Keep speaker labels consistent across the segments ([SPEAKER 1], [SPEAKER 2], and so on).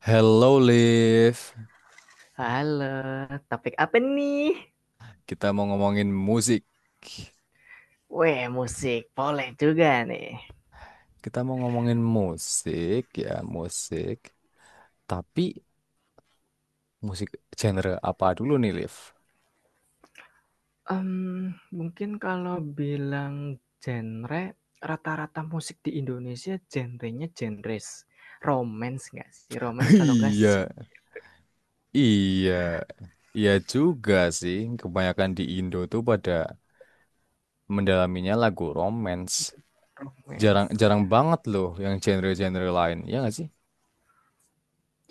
[SPEAKER 1] Hello Liv,
[SPEAKER 2] Halo, topik apa nih?
[SPEAKER 1] kita mau ngomongin musik.
[SPEAKER 2] Weh, musik. Boleh juga nih.
[SPEAKER 1] Kita mau ngomongin musik ya, musik. Tapi musik genre apa dulu nih Liv?
[SPEAKER 2] Mungkin kalau bilang genre, rata-rata musik di Indonesia genrenya genres. Romance nggak sih? Romance kalau nggak sad
[SPEAKER 1] Iya, iya, iya juga sih. Kebanyakan di Indo tuh pada mendalaminya lagu romance. Jarang,
[SPEAKER 2] romance.
[SPEAKER 1] jarang banget loh yang genre-genre lain. Iya nggak sih?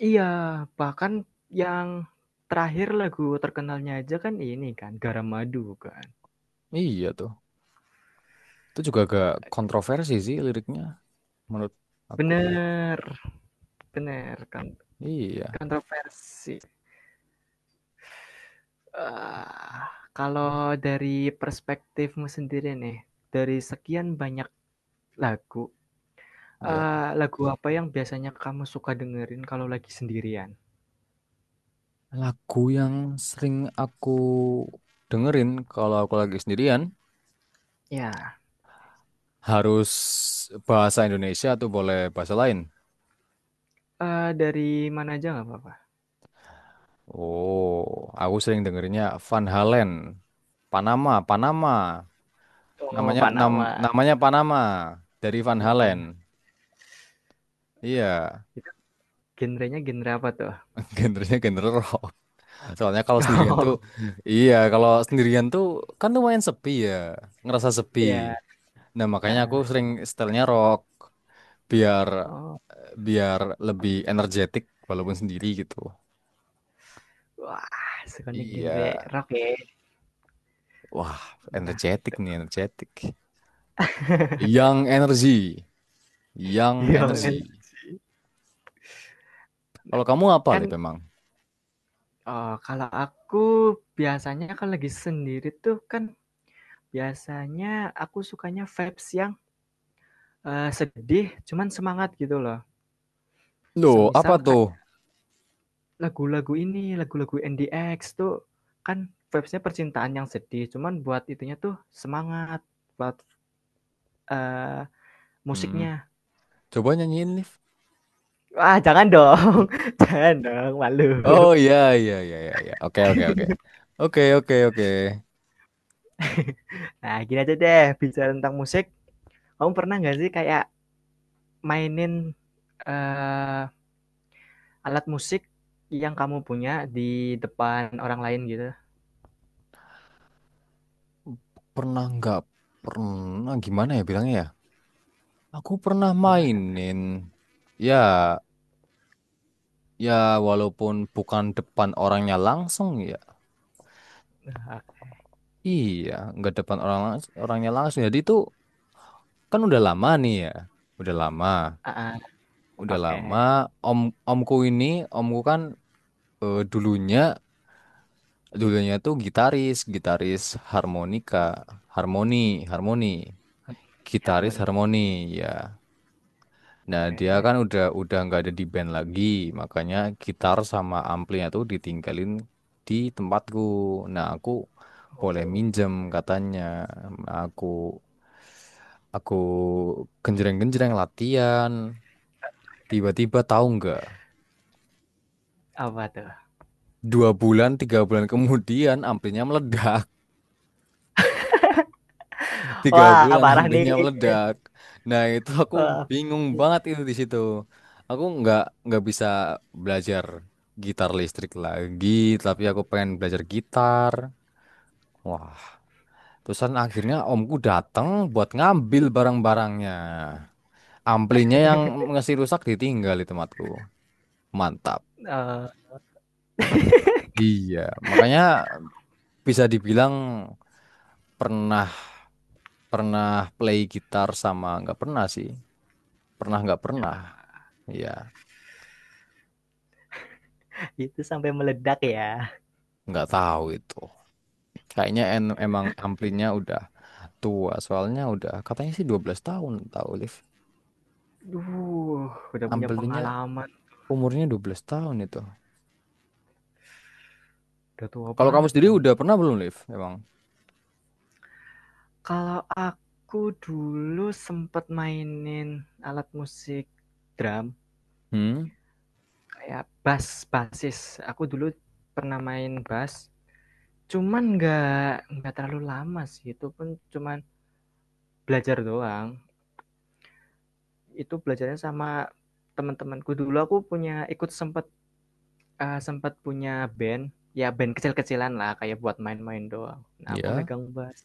[SPEAKER 2] Iya, bahkan yang terakhir lagu terkenalnya aja kan ini kan, Garam Madu kan.
[SPEAKER 1] Iya tuh. Itu juga agak kontroversi sih liriknya menurut aku.
[SPEAKER 2] Bener bener, kan
[SPEAKER 1] Iya.
[SPEAKER 2] kontroversi. Eee, Kalau dari perspektifmu sendiri nih, dari sekian banyak lagu,
[SPEAKER 1] Ya,
[SPEAKER 2] lagu apa yang biasanya kamu suka dengerin kalau lagi sendirian?
[SPEAKER 1] lagu yang sering aku dengerin kalau aku lagi sendirian
[SPEAKER 2] Ya,
[SPEAKER 1] harus bahasa Indonesia atau boleh bahasa lain.
[SPEAKER 2] dari mana aja nggak apa-apa.
[SPEAKER 1] Oh, aku sering dengerinnya Van Halen, Panama, Panama.
[SPEAKER 2] Oh,
[SPEAKER 1] Namanya
[SPEAKER 2] Panama
[SPEAKER 1] namanya Panama dari Van Halen.
[SPEAKER 2] Panama.
[SPEAKER 1] Iya,
[SPEAKER 2] Itu genrenya genre apa tuh?
[SPEAKER 1] genrenya genre rock. Soalnya kalau sendirian tuh,
[SPEAKER 2] Oh,
[SPEAKER 1] iya kalau sendirian tuh kan lumayan sepi ya, ngerasa sepi.
[SPEAKER 2] ya.
[SPEAKER 1] Nah makanya aku
[SPEAKER 2] Heeh.
[SPEAKER 1] sering setelnya rock. Biar
[SPEAKER 2] Oh,
[SPEAKER 1] biar lebih energetik walaupun sendiri gitu.
[SPEAKER 2] wah, sukanya genre
[SPEAKER 1] Iya.
[SPEAKER 2] rock ya?
[SPEAKER 1] Wah,
[SPEAKER 2] Menarik
[SPEAKER 1] energetik
[SPEAKER 2] itu.
[SPEAKER 1] nih, energetik. Yang energi, yang
[SPEAKER 2] Iya kan.
[SPEAKER 1] energi.
[SPEAKER 2] Nah,
[SPEAKER 1] Kalau kamu apa, Liv,
[SPEAKER 2] kan,
[SPEAKER 1] memang?
[SPEAKER 2] kalau aku biasanya kalau lagi sendiri tuh kan biasanya aku sukanya vibes yang, sedih cuman semangat gitu loh.
[SPEAKER 1] Loh, apa
[SPEAKER 2] Semisal kayak
[SPEAKER 1] tuh?
[SPEAKER 2] lagu-lagu ini, lagu-lagu N D X tuh kan vibesnya percintaan yang sedih, cuman buat itunya tuh semangat, buat, eee,
[SPEAKER 1] Hmm,
[SPEAKER 2] musiknya.
[SPEAKER 1] coba nyanyiin, Liv.
[SPEAKER 2] Wah jangan dong, jangan dong, malu.
[SPEAKER 1] Oh, iya, iya, iya, iya, iya. Oke, oke, oke. Oke, oke, oke.
[SPEAKER 2] Nah gini aja deh, bicara tentang musik, kamu pernah nggak sih kayak mainin, eee, alat musik yang kamu punya di depan orang lain gitu?
[SPEAKER 1] Pernah nggak? Pernah, gimana ya bilangnya ya? Aku pernah
[SPEAKER 2] Gimana tuh?
[SPEAKER 1] mainin. Ya, ya, walaupun bukan depan orangnya langsung ya. Iya, nggak depan orangnya langsung. Jadi itu kan udah lama nih ya, udah lama,
[SPEAKER 2] Heeh.
[SPEAKER 1] udah lama.
[SPEAKER 2] Oke.
[SPEAKER 1] Om Omku ini, omku kan dulunya dulunya tuh gitaris, harmonika, harmoni, harmoni, gitaris
[SPEAKER 2] Harmoni.
[SPEAKER 1] harmoni, ya. Nah, dia
[SPEAKER 2] Oke.
[SPEAKER 1] kan udah nggak ada di band lagi, makanya gitar sama amplinya tuh ditinggalin di tempatku. Nah, aku boleh
[SPEAKER 2] Oh.
[SPEAKER 1] minjem katanya. Nah, aku genjreng-genjreng latihan. Tiba-tiba tahu nggak?
[SPEAKER 2] Apa tuh?
[SPEAKER 1] Dua bulan, tiga bulan kemudian amplinya meledak. Tiga
[SPEAKER 2] Wah,
[SPEAKER 1] bulan
[SPEAKER 2] parah
[SPEAKER 1] ambilnya
[SPEAKER 2] nih.
[SPEAKER 1] meledak. Nah itu aku
[SPEAKER 2] Wah,
[SPEAKER 1] bingung banget itu di situ. Aku nggak bisa belajar gitar listrik lagi, tapi aku pengen belajar gitar. Wah, terusan akhirnya omku datang buat ngambil barang-barangnya. Amplinya yang ngasih rusak ditinggal di tempatku. Mantap.
[SPEAKER 2] eee,
[SPEAKER 1] Iya, makanya bisa dibilang pernah pernah play gitar sama nggak pernah sih. Pernah nggak pernah. Iya.
[SPEAKER 2] itu sampai meledak ya.
[SPEAKER 1] Nggak tahu itu. Kayaknya emang amplinya udah tua, soalnya udah katanya sih 12 tahun tahu Liv.
[SPEAKER 2] Duh, udah punya
[SPEAKER 1] Amplinya
[SPEAKER 2] pengalaman,
[SPEAKER 1] umurnya 12 tahun itu.
[SPEAKER 2] udah tua
[SPEAKER 1] Kalau kamu
[SPEAKER 2] banget
[SPEAKER 1] sendiri
[SPEAKER 2] dong.
[SPEAKER 1] udah pernah belum Liv? Emang?
[SPEAKER 2] Kalau aku dulu sempet mainin alat musik drum,
[SPEAKER 1] Hmm,
[SPEAKER 2] kayak bass, bassis. Aku dulu pernah main bass, cuman nggak terlalu lama sih, itu pun cuman belajar doang. Itu belajarnya sama teman-temanku dulu aku punya ikut sempat sempat punya band ya band kecil-kecilan lah kayak buat main-main doang, nah aku
[SPEAKER 1] ya.
[SPEAKER 2] megang bass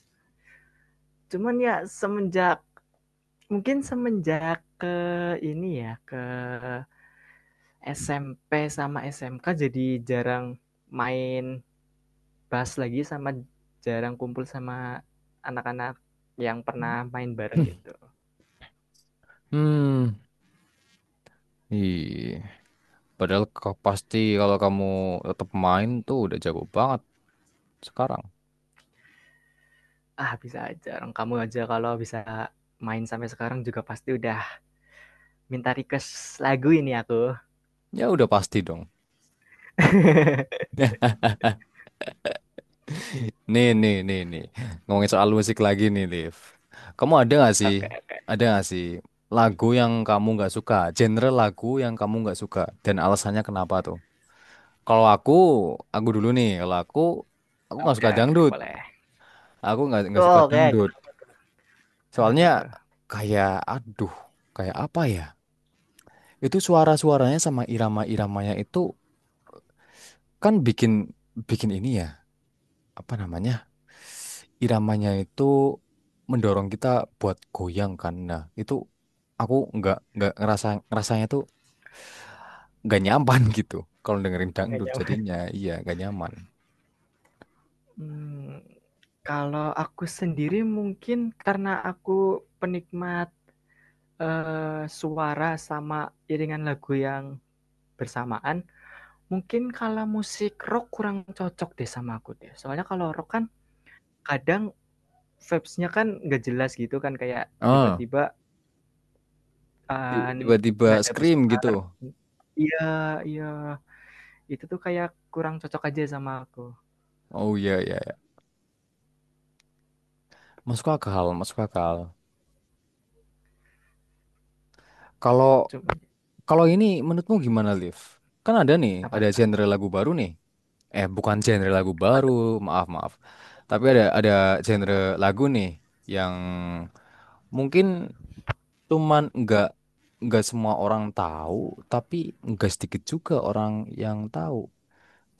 [SPEAKER 2] cuman ya semenjak mungkin semenjak ke ini ya ke SMP sama SMK jadi jarang main bass lagi sama jarang kumpul sama anak-anak yang pernah main bareng gitu.
[SPEAKER 1] Hmm, ih. Padahal kau pasti kalau kamu tetap main tuh udah jago banget sekarang.
[SPEAKER 2] Ah bisa aja, orang kamu aja kalau bisa main sampai sekarang juga pasti udah minta request lagu ini aku.
[SPEAKER 1] Ya udah pasti dong. Nih, nih, nih, nih. Ngomongin soal musik lagi nih, Liv. Kamu ada gak sih?
[SPEAKER 2] Oke, oke.
[SPEAKER 1] Ada gak sih lagu yang kamu nggak suka? Genre lagu yang kamu nggak suka dan alasannya kenapa tuh? Kalau aku dulu nih. Kalau aku nggak suka
[SPEAKER 2] Oke,
[SPEAKER 1] dangdut.
[SPEAKER 2] boleh.
[SPEAKER 1] Aku nggak suka
[SPEAKER 2] Oh, oke,
[SPEAKER 1] dangdut.
[SPEAKER 2] kenapa, kenapa
[SPEAKER 1] Soalnya
[SPEAKER 2] tuh?
[SPEAKER 1] kayak, aduh, kayak apa ya? Itu suara-suaranya sama irama-iramanya itu kan bikin bikin ini ya. Apa namanya, iramanya itu mendorong kita buat goyang kan, nah itu aku nggak ngerasa ngerasanya tuh nggak nyaman gitu kalau dengerin dangdut jadinya iya nggak nyaman.
[SPEAKER 2] Hmm, kalau aku sendiri mungkin karena aku penikmat suara sama iringan lagu yang bersamaan, mungkin kalau musik rock kurang cocok deh sama aku deh. Soalnya kalau rock kan kadang vibes-nya kan nggak jelas gitu kan kayak
[SPEAKER 1] Ah,
[SPEAKER 2] tiba-tiba eh,
[SPEAKER 1] tiba-tiba
[SPEAKER 2] nada
[SPEAKER 1] scream
[SPEAKER 2] besar.
[SPEAKER 1] gitu.
[SPEAKER 2] Iya, iya, itu tuh kayak kurang cocok aja sama aku.
[SPEAKER 1] Oh iya iya iya. Masuk akal masuk akal. Kalau
[SPEAKER 2] Cuman
[SPEAKER 1] kalau ini menurutmu gimana Liv, kan ada nih
[SPEAKER 2] apa
[SPEAKER 1] ada
[SPEAKER 2] tuh?
[SPEAKER 1] genre lagu baru nih, eh bukan genre lagu
[SPEAKER 2] Apa
[SPEAKER 1] baru,
[SPEAKER 2] tuh?
[SPEAKER 1] maaf maaf, tapi ada genre
[SPEAKER 2] Apa?
[SPEAKER 1] lagu nih yang mungkin cuman nggak semua orang tahu, tapi nggak sedikit juga orang yang tahu.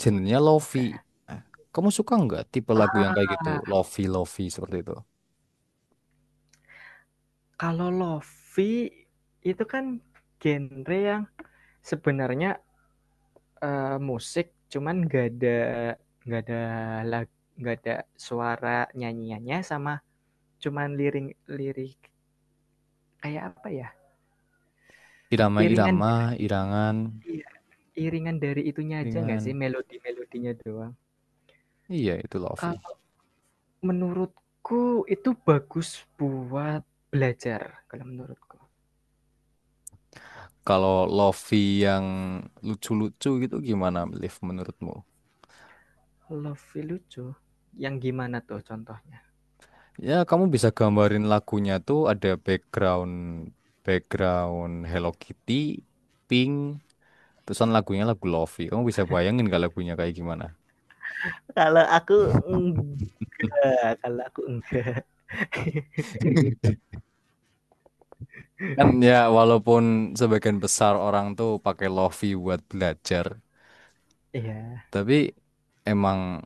[SPEAKER 1] Genrenya lofi.
[SPEAKER 2] Oke. Okay.
[SPEAKER 1] Eh, kamu suka nggak tipe lagu yang kayak gitu, lofi lofi seperti itu?
[SPEAKER 2] Kalau lofi itu kan genre yang sebenarnya musik cuman gak ada lag gak ada suara nyanyiannya sama cuman lirik lirik kayak apa ya, iringan
[SPEAKER 1] Irama-irama,
[SPEAKER 2] dari
[SPEAKER 1] irangan,
[SPEAKER 2] iya, iringan dari itunya aja nggak sih,
[SPEAKER 1] dengan
[SPEAKER 2] melodi melodinya doang.
[SPEAKER 1] iya itu lofi.
[SPEAKER 2] Kalau menurutku itu bagus buat belajar, kalau menurutku.
[SPEAKER 1] Kalau lofi yang lucu-lucu gitu gimana, Liv, menurutmu?
[SPEAKER 2] Lebih lucu? Yang gimana tuh contohnya?
[SPEAKER 1] Ya, kamu bisa gambarin lagunya tuh ada background background Hello Kitty, Pink, terusan lagunya lagu lofi. Kamu bisa bayangin gak lagunya kayak gimana?
[SPEAKER 2] Kalau aku enggak, kalau aku enggak.
[SPEAKER 1] Kan ya walaupun sebagian besar orang tuh pakai lofi buat belajar,
[SPEAKER 2] Iya.
[SPEAKER 1] tapi emang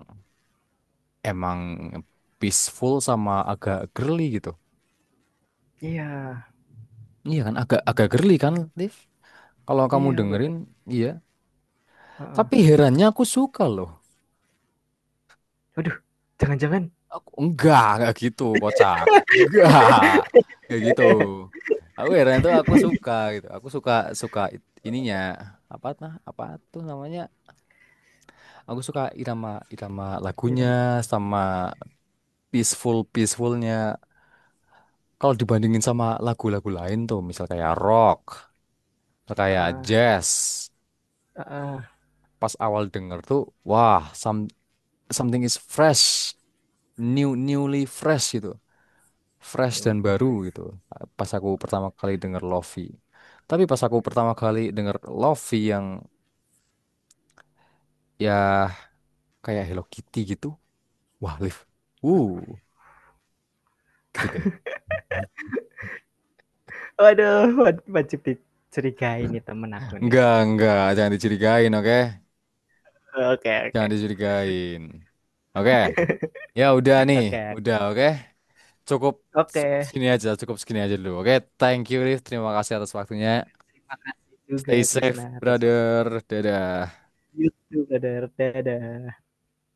[SPEAKER 1] emang peaceful sama agak girly gitu.
[SPEAKER 2] Iya.
[SPEAKER 1] Iya kan agak agak girly kan, Liv? Kalau kamu
[SPEAKER 2] Iya
[SPEAKER 1] dengerin,
[SPEAKER 2] betul,
[SPEAKER 1] iya.
[SPEAKER 2] heeh.
[SPEAKER 1] Tapi herannya aku suka loh.
[SPEAKER 2] Waduh, jangan-jangan
[SPEAKER 1] Aku enggak gitu, kocak. Enggak. Enggak gitu. Aku heran tuh aku suka gitu. Aku suka suka it- ininya apa, nah apa tuh namanya? Aku suka irama irama
[SPEAKER 2] itu
[SPEAKER 1] lagunya sama peaceful peacefulnya. Kalau dibandingin sama lagu-lagu lain tuh, misal kayak rock, misal kayak
[SPEAKER 2] heeh
[SPEAKER 1] jazz,
[SPEAKER 2] heeh,
[SPEAKER 1] pas awal denger tuh, wah, something is fresh, newly fresh gitu. Fresh
[SPEAKER 2] yo
[SPEAKER 1] dan
[SPEAKER 2] yes.
[SPEAKER 1] baru gitu. Pas aku pertama kali denger lofi. Tapi pas aku pertama kali denger lofi yang ya kayak Hello Kitty gitu. Wah, Liv. Uh,
[SPEAKER 2] Waduh
[SPEAKER 1] gitu deh.
[SPEAKER 2] waduh wajib dicurigai nih temen aku nih.
[SPEAKER 1] Enggak, jangan dicurigain, oke?
[SPEAKER 2] Oke oke.
[SPEAKER 1] Jangan dicurigain. Oke. Ya udah nih,
[SPEAKER 2] Oke
[SPEAKER 1] udah oke. Cukup
[SPEAKER 2] oke.
[SPEAKER 1] Cukup segini aja, cukup segini aja dulu. Oke, thank you Liv. Terima kasih atas waktunya.
[SPEAKER 2] Terima kasih juga
[SPEAKER 1] Stay safe,
[SPEAKER 2] Krisna atas waktu
[SPEAKER 1] brother. Dadah.
[SPEAKER 2] YouTube, dadah dadah.